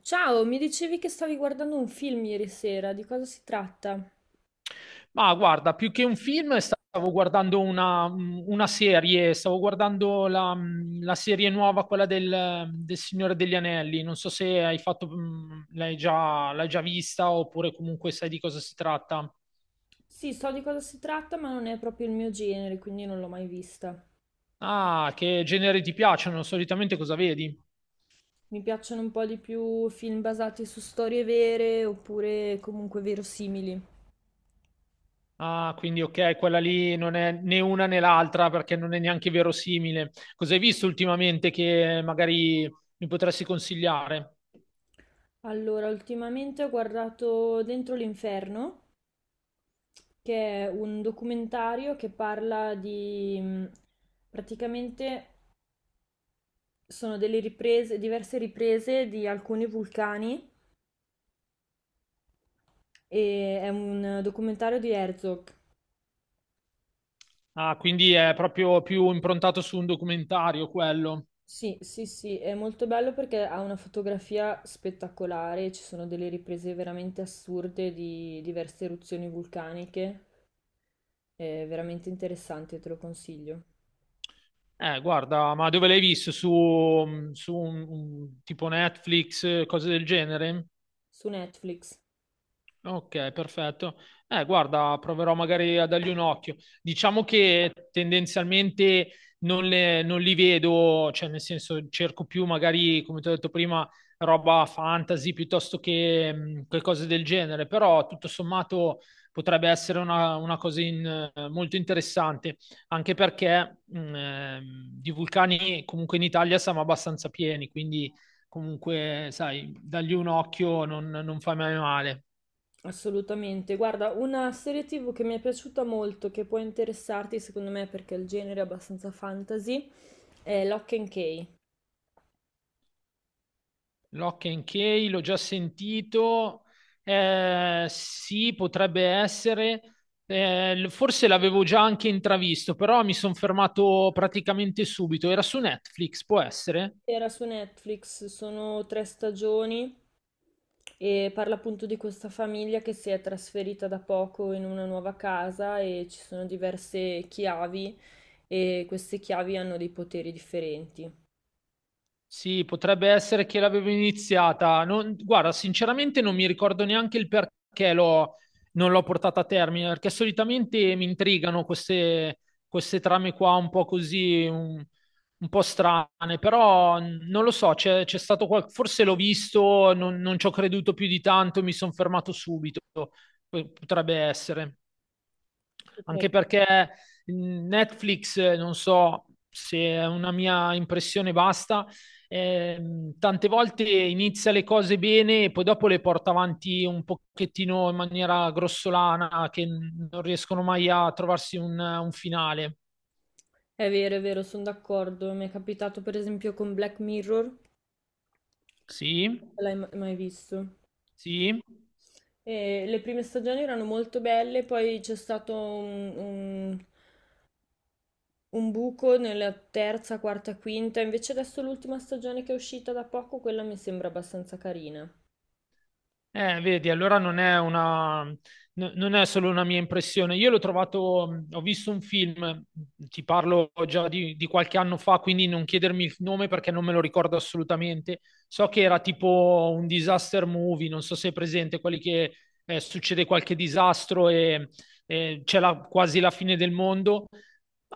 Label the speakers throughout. Speaker 1: Ciao, mi dicevi che stavi guardando un film ieri sera, di cosa si tratta?
Speaker 2: Ma guarda, più che un film stavo guardando una serie, stavo guardando la serie nuova, quella del Signore degli Anelli. Non so se hai fatto, l'hai già vista oppure comunque sai di cosa si tratta.
Speaker 1: Sì, so di cosa si tratta, ma non è proprio il mio genere, quindi non l'ho mai vista.
Speaker 2: Ah, che generi ti piacciono? Solitamente cosa vedi?
Speaker 1: Mi piacciono un po' di più film basati su storie vere oppure comunque verosimili.
Speaker 2: Ah, quindi ok, quella lì non è né una né l'altra perché non è neanche verosimile. Cosa hai visto ultimamente che magari mi potresti consigliare?
Speaker 1: Allora, ultimamente ho guardato Dentro l'Inferno, che è un documentario che parla di... praticamente sono delle riprese, diverse riprese di alcuni vulcani e è un documentario di Herzog.
Speaker 2: Ah, quindi è proprio più improntato su un documentario quello.
Speaker 1: Sì, sì, sì, è molto bello perché ha una fotografia spettacolare, ci sono delle riprese veramente assurde di diverse eruzioni vulcaniche, è veramente interessante, te lo consiglio.
Speaker 2: Ma dove l'hai visto? Su tipo Netflix, cose del genere?
Speaker 1: Su Netflix.
Speaker 2: Ok, perfetto. Proverò magari a dargli un occhio. Diciamo che tendenzialmente non li vedo, cioè nel senso cerco più magari, come ti ho detto prima, roba fantasy piuttosto che cose del genere, però tutto sommato potrebbe essere una cosa molto interessante, anche perché di vulcani comunque in Italia siamo abbastanza pieni, quindi comunque, sai, dargli un occhio non fa mai male.
Speaker 1: Assolutamente. Guarda, una serie TV che mi è piaciuta molto, che può interessarti secondo me perché il genere è abbastanza fantasy, è Lock and Key.
Speaker 2: Lock and Key, l'ho già sentito. Eh sì, potrebbe essere. Forse l'avevo già anche intravisto, però mi sono fermato praticamente subito. Era su Netflix, può essere?
Speaker 1: Era su Netflix, sono tre stagioni. E parla appunto di questa famiglia che si è trasferita da poco in una nuova casa e ci sono diverse chiavi e queste chiavi hanno dei poteri differenti.
Speaker 2: Sì, potrebbe essere che l'avevo iniziata. Guarda, sinceramente non mi ricordo neanche il perché non l'ho portata a termine, perché solitamente mi intrigano queste, queste trame qua un po' così, un po' strane, però non lo so, c'è stato forse l'ho visto, non ci ho creduto più di tanto, mi sono fermato subito. Potrebbe essere. Anche
Speaker 1: Potrebbe-
Speaker 2: perché Netflix, non so se è una mia impressione basta, tante volte inizia le cose bene e poi dopo le porta avanti un pochettino in maniera grossolana, che non riescono mai a trovarsi un finale.
Speaker 1: È vero, sono d'accordo. Mi è capitato per esempio con Black Mirror, non
Speaker 2: Sì,
Speaker 1: l'hai mai visto.
Speaker 2: sì.
Speaker 1: E le prime stagioni erano molto belle, poi c'è stato un buco nella terza, quarta, quinta. Invece adesso l'ultima stagione che è uscita da poco, quella mi sembra abbastanza carina.
Speaker 2: Vedi, allora non è solo una mia impressione. Io l'ho trovato, ho visto un film, ti parlo già di qualche anno fa, quindi non chiedermi il nome perché non me lo ricordo assolutamente. So che era tipo un disaster movie, non so se è presente, quelli che succede qualche disastro e c'è quasi la fine del mondo.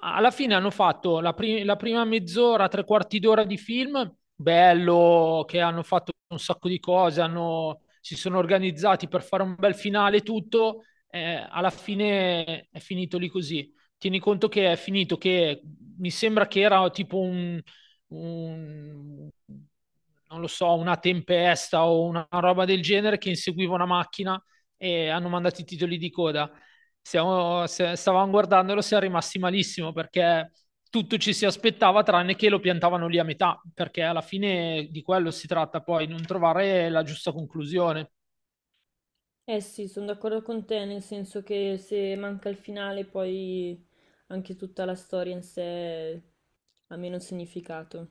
Speaker 2: Alla fine hanno fatto la prima mezz'ora, tre quarti d'ora di film, bello, che hanno fatto un sacco di cose, si sono organizzati per fare un bel finale e tutto, alla fine è finito lì così. Tieni conto che è finito, che mi sembra che era tipo un- non lo so, una tempesta o una roba del genere che inseguiva una macchina e hanno mandato i titoli di coda. Siamo- se- stavamo guardandolo, siamo rimasti malissimo perché tutto ci si aspettava tranne che lo piantavano lì a metà, perché alla fine di quello si tratta poi, non trovare la giusta conclusione.
Speaker 1: Eh sì, sono d'accordo con te, nel senso che se manca il finale poi anche tutta la storia in sé ha meno significato.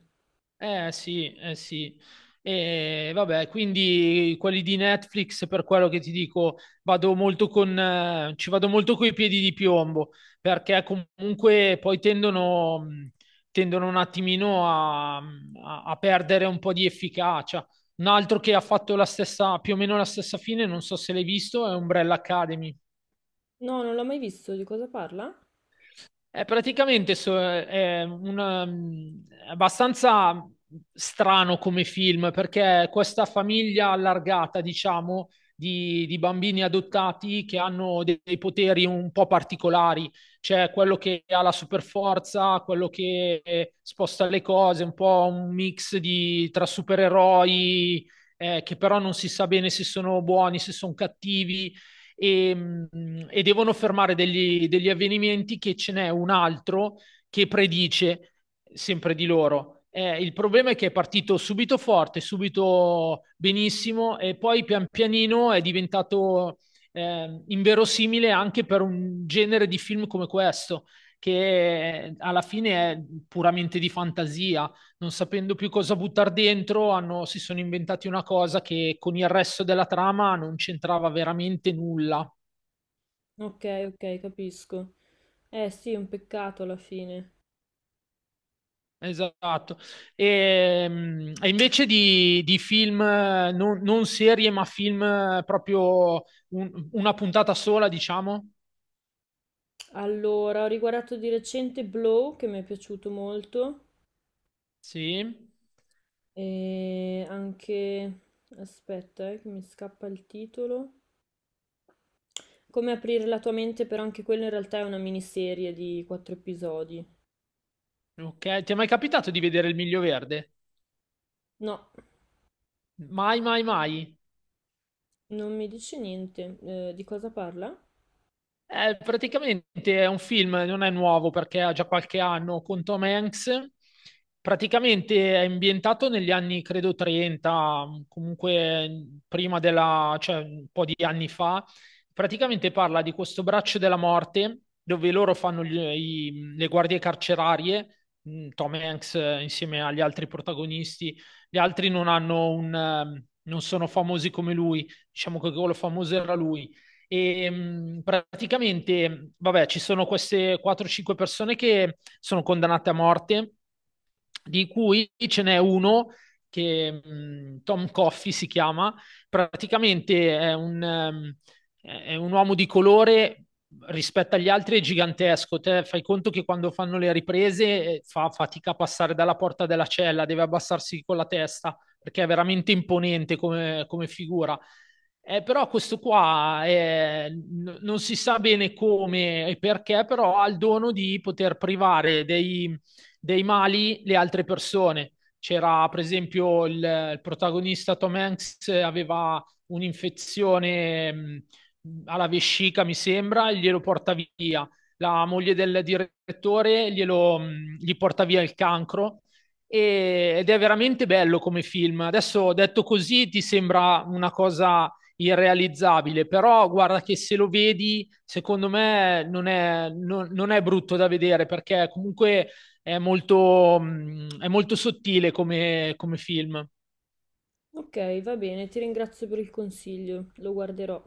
Speaker 2: Eh sì, eh sì. E vabbè, quindi quelli di Netflix, per quello che ti dico, ci vado molto coi piedi di piombo, perché comunque poi tendono un attimino a perdere un po' di efficacia. Un altro che ha fatto la stessa, più o meno la stessa fine, non so se l'hai visto, è Umbrella Academy.
Speaker 1: No, non l'ho mai visto, di cosa parla?
Speaker 2: È praticamente so- è un, um, è abbastanza strano come film perché questa famiglia allargata, diciamo, di bambini adottati che hanno dei poteri un po' particolari. C'è quello che ha la superforza, quello che sposta le cose, un po' un mix tra supereroi, che però non si sa bene se sono buoni, se sono cattivi e, e devono fermare degli avvenimenti che ce n'è un altro che predice sempre di loro. Il problema è che è partito subito forte, subito benissimo e poi pian pianino è diventato inverosimile anche per un genere di film come questo, che alla fine è puramente di fantasia, non sapendo più cosa buttare dentro, si sono inventati una cosa che con il resto della trama non c'entrava veramente nulla.
Speaker 1: Ok, ok, capisco. Eh sì, è un peccato alla fine.
Speaker 2: Esatto. E invece di film, non serie, ma film proprio una puntata sola, diciamo.
Speaker 1: Allora, ho riguardato di recente Blow, che mi è piaciuto molto,
Speaker 2: Sì.
Speaker 1: e anche... aspetta, che mi scappa il titolo. Come aprire la tua mente, però anche quella in realtà è una miniserie di quattro episodi.
Speaker 2: Ok. Ti è mai capitato di vedere Il Miglio Verde?
Speaker 1: No.
Speaker 2: Mai, mai, mai.
Speaker 1: Non mi dice niente, di cosa parla?
Speaker 2: Praticamente è un film, non è nuovo perché ha già qualche anno, con Tom Hanks. Praticamente è ambientato negli anni, credo, 30, comunque prima della, cioè un po' di anni fa. Praticamente parla di questo braccio della morte dove loro fanno le guardie carcerarie, Tom Hanks insieme agli altri protagonisti. Gli altri non hanno non sono famosi come lui, diciamo che quello famoso era lui e praticamente, vabbè, ci sono queste 4-5 persone che sono condannate a morte di cui ce n'è uno che Tom Coffey si chiama, praticamente è un uomo di colore. Rispetto agli altri è gigantesco. Te fai conto che quando fanno le riprese fa fatica a passare dalla porta della cella, deve abbassarsi con la testa perché è veramente imponente come figura. Però questo qua non si sa bene come e perché, però ha il dono di poter privare dei mali le altre persone. C'era per esempio il protagonista Tom Hanks aveva un'infezione alla vescica, mi sembra, e glielo porta via. La moglie del direttore gli porta via il cancro ed è veramente bello come film. Adesso detto così ti sembra una cosa irrealizzabile, però guarda che se lo vedi, secondo me non è brutto da vedere perché comunque è molto sottile come film.
Speaker 1: Ok, va bene, ti ringrazio per il consiglio, lo guarderò.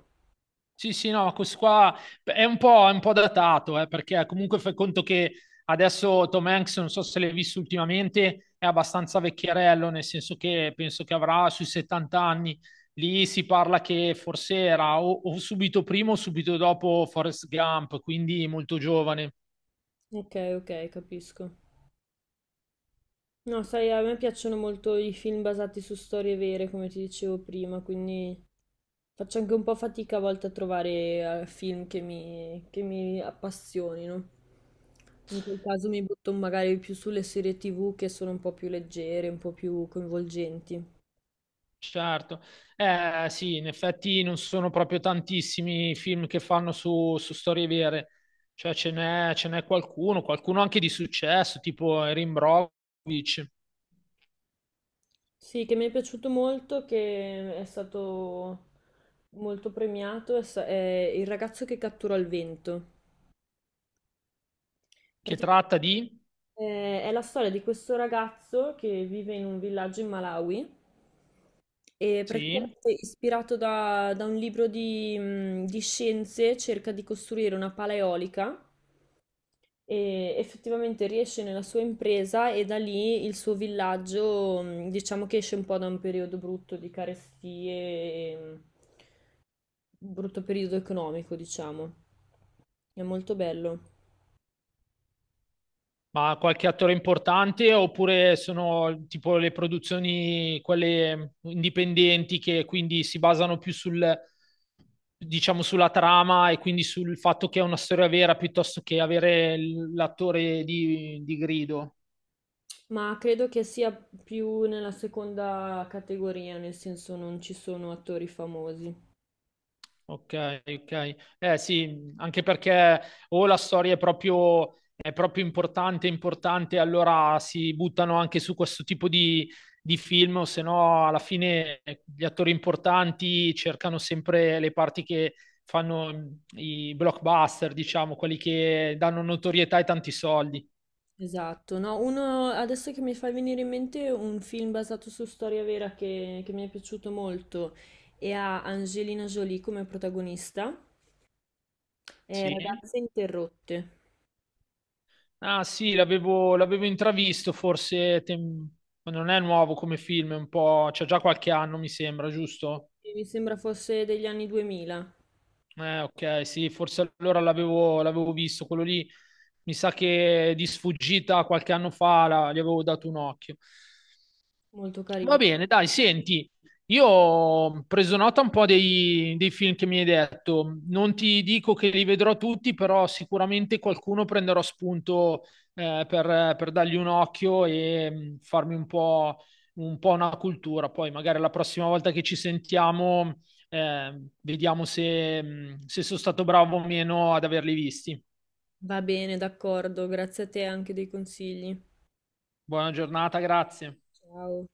Speaker 2: Sì, sì, no, questo qua è un po' datato, perché comunque fai conto che adesso Tom Hanks, non so se l'hai visto ultimamente, è abbastanza vecchierello, nel senso che penso che avrà sui 70 anni. Lì si parla che forse era o subito prima o subito dopo Forrest Gump, quindi molto giovane.
Speaker 1: Ok, ok, capisco. No, sai, a me piacciono molto i film basati su storie vere, come ti dicevo prima, quindi faccio anche un po' fatica a volte a trovare film che mi, appassionino. In quel caso mi butto magari più sulle serie TV che sono un po' più leggere, un po' più coinvolgenti.
Speaker 2: Certo, eh sì, in effetti non sono proprio tantissimi i film che fanno su storie vere, cioè ce n'è qualcuno anche di successo, tipo Erin Brockovich,
Speaker 1: Sì, che mi è piaciuto molto, che è stato molto premiato, è Il ragazzo che cattura il vento.
Speaker 2: che
Speaker 1: Praticamente
Speaker 2: tratta di,
Speaker 1: è la storia di questo ragazzo che vive in un villaggio in Malawi e
Speaker 2: sì,
Speaker 1: praticamente ispirato da un libro di scienze cerca di costruire una pala eolica e effettivamente riesce nella sua impresa e da lì il suo villaggio, diciamo che esce un po' da un periodo brutto di carestie. E, brutto periodo economico, diciamo. È molto bello.
Speaker 2: ma qualche attore importante, oppure sono tipo le produzioni, quelle indipendenti, che quindi si basano più sul, diciamo, sulla trama e quindi sul fatto che è una storia vera piuttosto che avere l'attore di grido.
Speaker 1: Ma credo che sia più nella seconda categoria, nel senso non ci sono attori famosi.
Speaker 2: Ok, ok. Eh sì, anche perché o la storia è proprio importante, importante, allora si buttano anche su questo tipo di film, o se no alla fine gli attori importanti cercano sempre le parti che fanno i blockbuster, diciamo, quelli che danno notorietà e tanti soldi.
Speaker 1: Esatto, no, uno adesso che mi fa venire in mente un film basato su storia vera che mi è piaciuto molto e ha Angelina Jolie come protagonista, è
Speaker 2: Sì.
Speaker 1: Ragazze interrotte,
Speaker 2: Ah sì, l'avevo intravisto, forse non è nuovo come film, c'è già qualche anno, mi sembra, giusto?
Speaker 1: e mi sembra fosse degli anni 2000,
Speaker 2: Ok, sì, forse allora l'avevo visto, quello lì mi sa che di sfuggita qualche anno fa gli avevo dato un occhio.
Speaker 1: molto
Speaker 2: Va
Speaker 1: carino.
Speaker 2: bene, dai, senti, io ho preso nota un po' dei film che mi hai detto. Non ti dico che li vedrò tutti, però sicuramente qualcuno prenderò spunto per dargli un occhio e farmi un po' una cultura. Poi magari la prossima volta che ci sentiamo, vediamo se sono stato bravo o meno ad averli visti.
Speaker 1: Va bene, d'accordo, grazie a te anche dei consigli.
Speaker 2: Buona giornata, grazie.
Speaker 1: Ciao.